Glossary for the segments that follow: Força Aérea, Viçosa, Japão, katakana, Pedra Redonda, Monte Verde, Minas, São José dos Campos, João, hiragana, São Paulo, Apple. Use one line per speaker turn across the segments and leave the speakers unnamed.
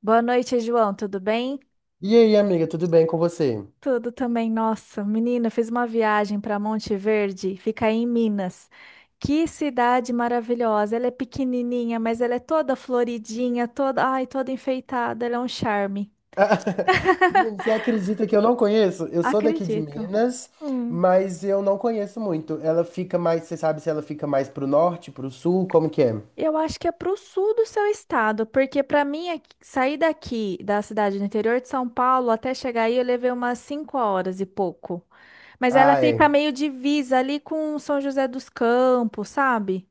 Boa noite, João. Tudo bem?
E aí, amiga, tudo bem com você?
Tudo também. Nossa, menina, fiz uma viagem para Monte Verde, fica aí em Minas. Que cidade maravilhosa! Ela é pequenininha, mas ela é toda floridinha, toda, ai, toda enfeitada. Ela é um charme.
Menino, você acredita que eu não conheço? Eu sou daqui de
Acredito.
Minas,
Hum.
mas eu não conheço muito. Ela fica mais, você sabe se ela fica mais pro norte, pro sul, como que é?
Eu acho que é pro sul do seu estado, porque para mim sair daqui da cidade do interior de São Paulo até chegar aí eu levei umas 5 horas e pouco. Mas ela
Ah, é.
fica meio divisa ali com São José dos Campos, sabe?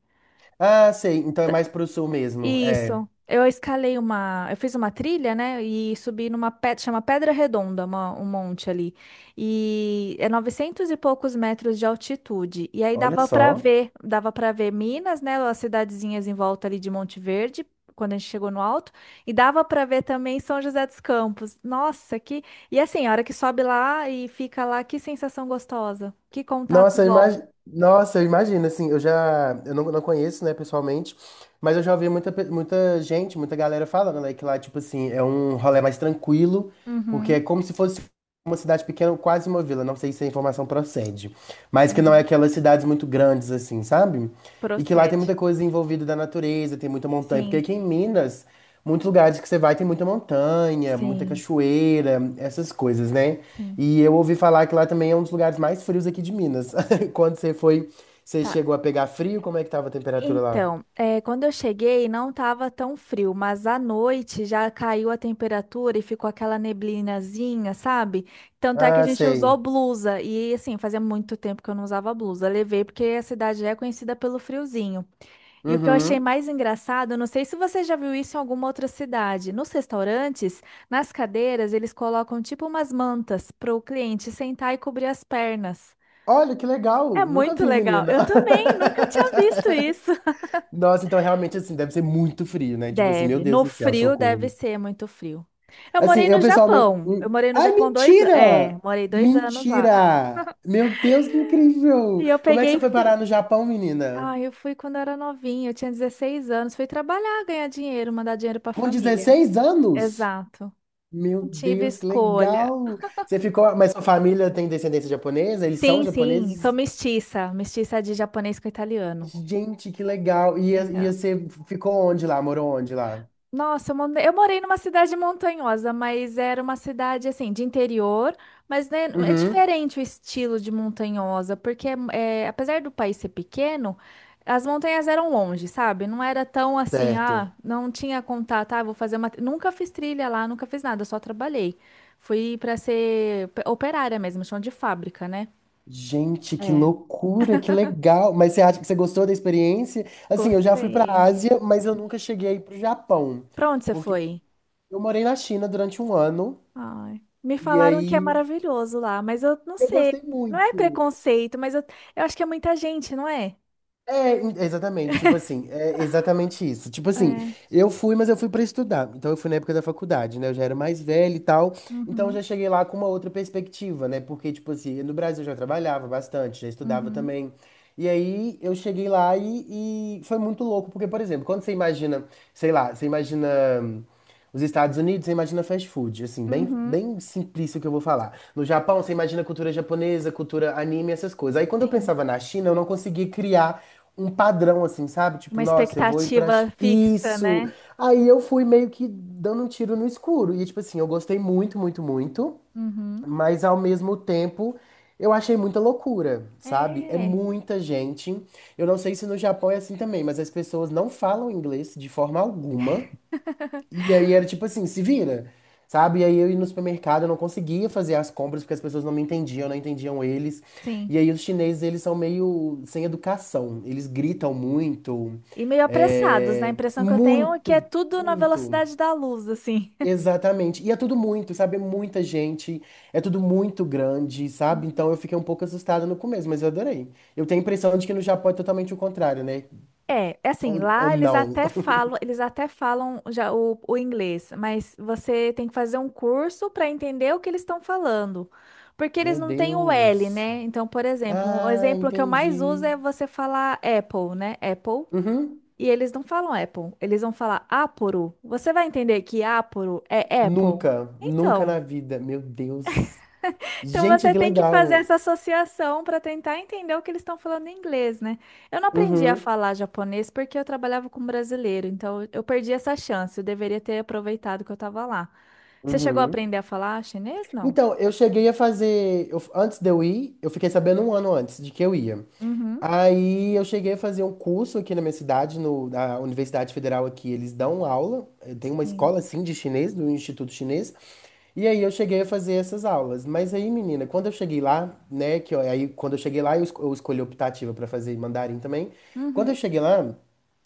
Ah, sei, então é
T-
mais pro sul mesmo. É.
Isso. Eu escalei uma. Eu fiz uma trilha, né? E subi numa pedra, chama Pedra Redonda, um monte ali. E é 900 e poucos metros de altitude. E aí
Olha
dava pra
só.
ver, dava para ver Minas, né? As cidadezinhas em volta ali de Monte Verde, quando a gente chegou no alto. E dava pra ver também São José dos Campos. Nossa, que. E assim, a hora que sobe lá e fica lá, que sensação gostosa. Que contato bom.
Nossa, eu imagino, assim, eu já, eu não conheço, né, pessoalmente, mas eu já ouvi muita gente, muita galera falando, né, que lá, tipo assim, é um rolê mais tranquilo, porque
Uhum.
é como se fosse uma cidade pequena, quase uma vila, não sei se a informação procede, mas que não é
Uhum.
aquelas cidades muito grandes, assim, sabe? E que lá tem
Procede.
muita coisa envolvida da natureza, tem muita montanha, porque
Sim,
aqui em Minas, muitos lugares que você vai tem muita montanha, muita
sim.
cachoeira, essas coisas, né?
Sim.
E eu ouvi falar que lá também é um dos lugares mais frios aqui de Minas. Quando você foi, você
Tá.
chegou a pegar frio? Como é que tava a temperatura lá?
Então, é, quando eu cheguei, não estava tão frio, mas à noite já caiu a temperatura e ficou aquela neblinazinha, sabe? Tanto é que a
Ah,
gente usou
sei.
blusa. E assim, fazia muito tempo que eu não usava blusa. Levei porque a cidade é conhecida pelo friozinho. E o que eu achei
Uhum.
mais engraçado, não sei se você já viu isso em alguma outra cidade. Nos restaurantes, nas cadeiras, eles colocam tipo umas mantas para o cliente sentar e cobrir as pernas.
Olha, que legal!
É
Nunca
muito
vi,
legal.
menina.
Eu também nunca tinha visto isso.
Nossa, então realmente assim, deve ser muito frio, né? Tipo assim, meu
Deve.
Deus
No
do céu,
frio deve
socorro.
ser muito frio. Eu
Assim,
morei no
eu pessoalmente.
Japão. Eu morei no
Ai,
Japão 2 anos. É,
mentira!
morei 2 anos lá.
Mentira! Meu Deus, que incrível!
E eu
Como é que você
peguei
foi
frio.
parar no Japão, menina?
Ah, eu fui quando eu era novinha, eu tinha 16 anos. Fui trabalhar, ganhar dinheiro, mandar dinheiro pra
Com
família.
16 anos?
Exato.
Meu
Não tive
Deus, que
escolha.
legal! Você ficou. Mas sua família tem descendência japonesa? Eles são
Sim, sim, sou
japoneses?
mestiça. Mestiça de japonês com italiano.
Gente, que legal! E,
Então,
e você ficou onde lá? Morou onde lá?
Eu morei numa cidade montanhosa, mas era uma cidade assim de interior, mas né, é
Uhum,
diferente o estilo de montanhosa, porque é, apesar do país ser pequeno, as montanhas eram longe, sabe? Não era tão assim, ah,
certo.
não tinha contato, ah, vou fazer uma. Nunca fiz trilha lá, nunca fiz nada, só trabalhei. Fui para ser operária mesmo, chão de fábrica, né?
Gente, que
É,
loucura, que legal. Mas você acha que você gostou da experiência? Assim, eu já fui para a
gostei.
Ásia, mas eu nunca cheguei para o Japão,
Pra onde você
porque
foi?
eu morei na China durante um ano
Ai, me
e
falaram que é
aí
maravilhoso lá, mas eu não
eu
sei.
gostei
Não é
muito.
preconceito, mas eu acho que é muita gente, não é?
É, exatamente, tipo assim, é exatamente isso. Tipo assim,
É.
eu fui, mas eu fui para estudar. Então eu fui na época da faculdade, né? Eu já era mais velho e tal. Então
Uhum,
já cheguei lá com uma outra perspectiva, né? Porque, tipo assim, no Brasil eu já trabalhava bastante, já estudava
uhum,
também. E aí eu cheguei lá e foi muito louco, porque, por exemplo, quando você imagina, sei lá, você imagina hum, os Estados Unidos, você imagina fast food, assim, bem,
uhum.
bem simplista o que eu vou falar. No Japão, você imagina cultura japonesa, cultura anime, essas coisas. Aí quando eu
Sim.
pensava na China, eu não conseguia criar um padrão, assim, sabe? Tipo,
Uma
nossa, eu vou ir pra
expectativa fixa,
isso.
né?
Aí eu fui meio que dando um tiro no escuro. E, tipo assim, eu gostei muito, muito, muito.
Uhum.
Mas ao mesmo tempo, eu achei muita loucura, sabe? É
É,
muita gente. Eu não sei se no Japão é assim também, mas as pessoas não falam inglês de forma alguma. E aí era tipo assim, se vira, sabe? E aí eu ia no supermercado, eu não conseguia fazer as compras porque as pessoas não me entendiam, não entendiam eles.
sim.
E aí os chineses, eles são meio sem educação. Eles gritam muito,
E meio apressados, né? A
é,
impressão que eu tenho é que é
muito,
tudo na
muito.
velocidade da luz, assim.
Exatamente. E é tudo muito, sabe? É muita gente, é tudo muito grande, sabe? Então eu fiquei um pouco assustada no começo, mas eu adorei. Eu tenho a impressão de que no Japão é totalmente o contrário, né?
É, é assim,
Ou
lá
não.
eles até falam já o inglês, mas você tem que fazer um curso para entender o que eles estão falando. Porque eles
Meu
não têm o L,
Deus.
né? Então, por exemplo, um
Ah,
exemplo que eu mais uso
entendi.
é você falar Apple, né? Apple.
Uhum.
E eles não falam Apple, eles vão falar Apple. Você vai entender que Apple é Apple?
Nunca, nunca
Então.
na vida. Meu Deus.
Então
Gente,
você
que
tem que fazer
legal.
essa associação para tentar entender o que eles estão falando em inglês, né? Eu não aprendi a
Uhum,
falar japonês porque eu trabalhava com brasileiro, então eu perdi essa chance. Eu deveria ter aproveitado que eu estava lá. Você chegou a
uhum.
aprender a falar chinês? Não.
Então, eu cheguei a fazer. Antes de eu ir, eu fiquei sabendo um ano antes de que eu ia.
Uhum.
Aí eu cheguei a fazer um curso aqui na minha cidade, no, na Universidade Federal aqui, eles dão aula, tem uma
Sim.
escola assim de chinês, do Instituto Chinês, e aí eu cheguei a fazer essas aulas. Mas aí, menina, quando eu cheguei lá, né, aí quando eu cheguei lá, eu escolhi optativa para fazer mandarim também. Quando eu
Uhum.
cheguei lá,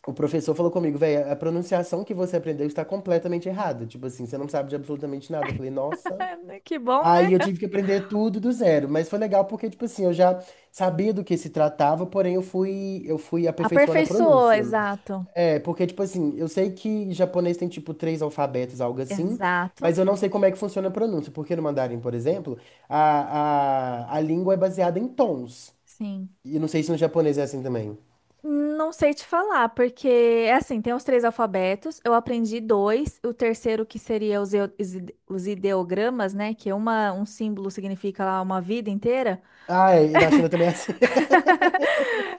o professor falou comigo, velho, a pronunciação que você aprendeu está completamente errada. Tipo assim, você não sabe de absolutamente nada. Eu falei, nossa.
Que bom, né?
Aí eu tive que aprender tudo do zero, mas foi legal porque, tipo assim, eu já sabia do que se tratava, porém eu fui aperfeiçoando a
Aperfeiçoou,
pronúncia.
exato.
É, porque, tipo assim, eu sei que japonês tem, tipo, três alfabetos, algo assim, mas
Exato.
eu não sei como é que funciona a pronúncia, porque no mandarim, por exemplo, a língua é baseada em tons.
Sim.
E não sei se no japonês é assim também.
Não sei te falar, porque é assim, tem os três alfabetos, eu aprendi dois, o terceiro que seria os ideogramas, né, que é uma, um símbolo significa lá uma vida inteira.
Ah, é, e na China também é assim.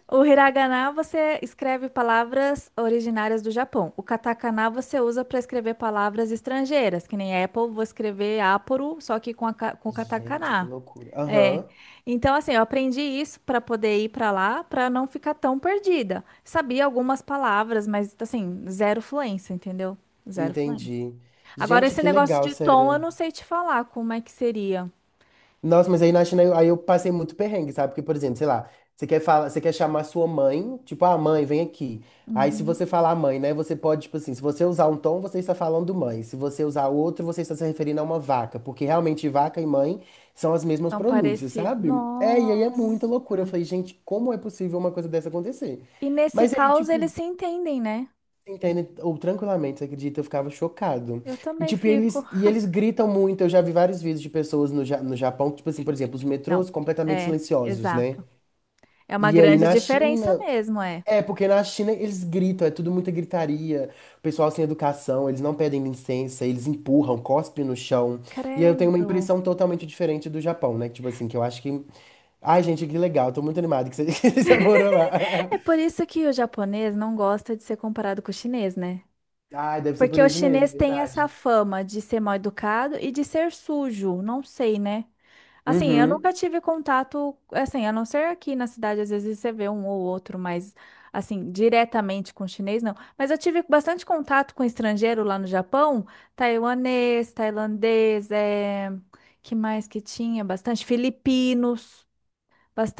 O hiragana você escreve palavras originárias do Japão. O katakana você usa para escrever palavras estrangeiras, que nem Apple, vou escrever Apple, só que com o
Gente, que
katakana.
loucura.
É.
Aham,
Então, assim, eu aprendi isso para poder ir para lá, para não ficar tão perdida. Sabia algumas palavras, mas, assim, zero fluência, entendeu? Zero fluência.
entendi.
Agora,
Gente,
esse
que
negócio
legal,
de tom, eu
sério.
não sei te falar como é que seria.
Nossa, mas aí na China aí eu passei muito perrengue, sabe? Porque, por exemplo, sei lá, você quer falar, você quer chamar sua mãe, tipo, ah, mãe, vem aqui. Aí se
Uhum.
você falar mãe, né, você pode, tipo assim, se você usar um tom, você está falando mãe. Se você usar outro, você está se referindo a uma vaca, porque realmente vaca e mãe são as mesmas
Tão
pronúncias,
parecido.
sabe? É, e aí é muita
Nossa.
loucura. Eu falei, gente, como é possível uma coisa dessa acontecer?
E nesse
Mas aí,
caos, eles
tipo,
se entendem, né?
entende? Ou tranquilamente, você acredita? Eu ficava chocado.
Eu
E
também
tipo,
fico.
eles, e eles gritam muito. Eu já vi vários vídeos de pessoas no Japão, tipo assim, por exemplo, os
Não.
metrôs completamente
É,
silenciosos, né?
exato. É uma
E aí
grande
na
diferença
China,
mesmo, é.
é, porque na China eles gritam, é tudo muita gritaria, o pessoal sem educação, eles não pedem licença, eles empurram, cospem no chão. E aí eu tenho uma
Credo.
impressão totalmente diferente do Japão, né? Tipo assim, que eu acho que. Ai, gente, que legal, tô muito animado que você, que você morou lá.
É por isso que o japonês não gosta de ser comparado com o chinês, né?
Ai, deve ser
Porque
por
o
isso mesmo,
chinês tem essa
verdade.
fama de ser mal educado e de ser sujo, não sei, né? Assim, eu
Uhum.
nunca tive contato, assim, a não ser aqui na cidade, às vezes você vê um ou outro, mas assim, diretamente com chinês, não. Mas eu tive bastante contato com estrangeiro lá no Japão, taiwanês, tailandês, é... que mais que tinha? Bastante filipinos,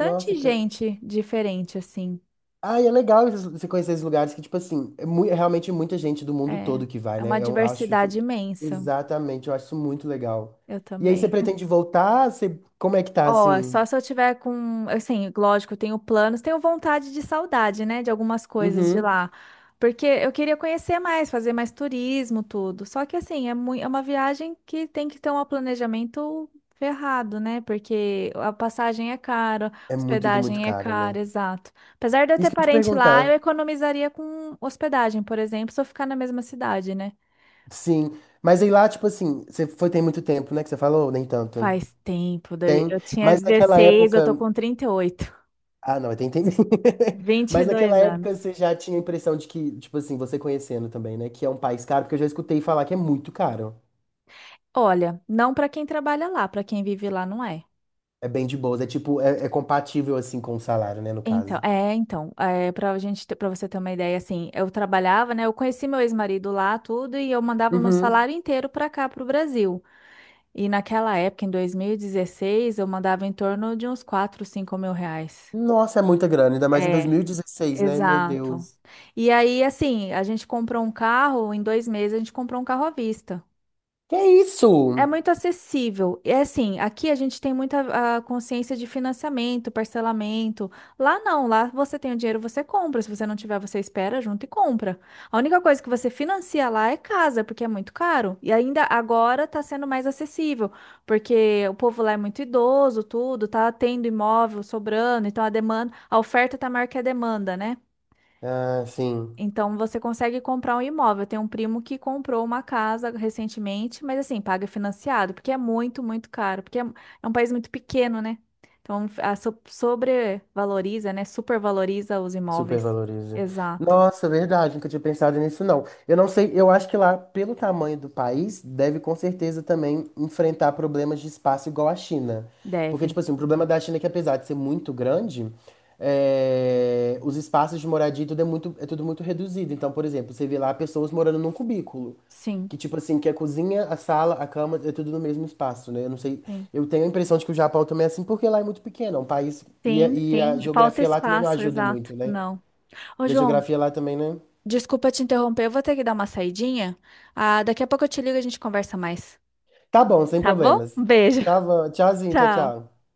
Nossa, que.
gente diferente, assim.
Ah, é legal você conhecer esses lugares que, tipo assim, é, é realmente muita gente do mundo
É,
todo que vai,
é uma
né? Eu acho
diversidade
isso.
imensa.
Exatamente, eu acho isso muito legal.
Eu
E aí, você
também.
pretende voltar? Você... Como é que tá,
Ó,
assim?
só se eu tiver com, assim, lógico, eu tenho planos, tenho vontade de saudade, né, de algumas coisas de
Uhum.
lá, porque eu queria conhecer mais, fazer mais turismo, tudo. Só que assim, é muito, é uma viagem que tem que ter um planejamento ferrado, né? Porque a passagem é cara, a
É muito, tudo muito
hospedagem é
caro,
cara,
né?
exato. Apesar de eu ter
Isso que eu ia te
parente lá, eu
perguntar.
economizaria com hospedagem, por exemplo, se eu ficar na mesma cidade, né?
Sim. Mas aí lá, tipo assim, você foi tem muito tempo, né? Que você falou, nem tanto.
Faz tempo, daí-
Tem.
eu tinha
Mas naquela
16, eu tô
época.
com 38
Ah, não, tem tempo.
vinte e
Mas naquela
dois
época
anos.
você já tinha a impressão de que, tipo assim, você conhecendo também, né? Que é um país caro, porque eu já escutei falar que é muito caro.
Olha, não para quem trabalha lá, para quem vive lá não é.
É bem de boas. É tipo, é, é compatível assim com o salário, né, no
Então,
caso.
é, então, é, para gente, para você ter uma ideia, assim, eu trabalhava, né? Eu conheci meu ex-marido lá, tudo, e eu mandava meu
Uhum.
salário inteiro para cá, para o Brasil. E naquela época, em 2016, eu mandava em torno de uns 4, 5 mil reais.
Nossa, é muita grana, ainda mais em
É,
2016, né? Meu
exato.
Deus.
E aí, assim, a gente comprou um carro, em 2 meses a gente comprou um carro à vista.
Que isso?
É muito acessível. É assim, aqui a gente tem muita a consciência de financiamento, parcelamento. Lá não, lá você tem o dinheiro, você compra. Se você não tiver, você espera junto e compra. A única coisa que você financia lá é casa, porque é muito caro. E ainda agora tá sendo mais acessível, porque o povo lá é muito idoso, tudo, tá tendo imóvel sobrando, então a demanda, a oferta tá maior que a demanda, né?
Ah, sim.
Então você consegue comprar um imóvel. Tem um primo que comprou uma casa recentemente, mas assim, paga financiado, porque é muito, muito caro, porque é um país muito pequeno, né? Então a sobrevaloriza, né? Supervaloriza os imóveis.
Supervaloriza.
Exato.
Nossa, verdade, nunca tinha pensado nisso, não. Eu não sei, eu acho que lá, pelo tamanho do país, deve com certeza também enfrentar problemas de espaço igual a China. Porque,
Deve.
tipo assim, o problema da China é que apesar de ser muito grande, é, os espaços de moradia e tudo é muito, é tudo muito reduzido. Então, por exemplo, você vê lá pessoas morando num cubículo.
Sim,
Que, tipo assim, que a cozinha, a sala, a cama, é tudo no mesmo espaço, né? Eu não sei,
sim.
eu tenho a impressão de que o Japão também é assim, porque lá é muito pequeno, é um país, e a,
Sim,
e a
sim. E falta
geografia lá também não
espaço,
ajuda
exato.
muito, né?
Não. Ô,
E a
João,
geografia lá também, né?
desculpa te interromper, eu vou ter que dar uma saidinha. Ah, daqui a pouco eu te ligo e a gente conversa mais.
Tá bom, sem
Tá bom?
problemas.
Um beijo.
Tava. Tchauzinho, tchau,
Tchau.
tchau.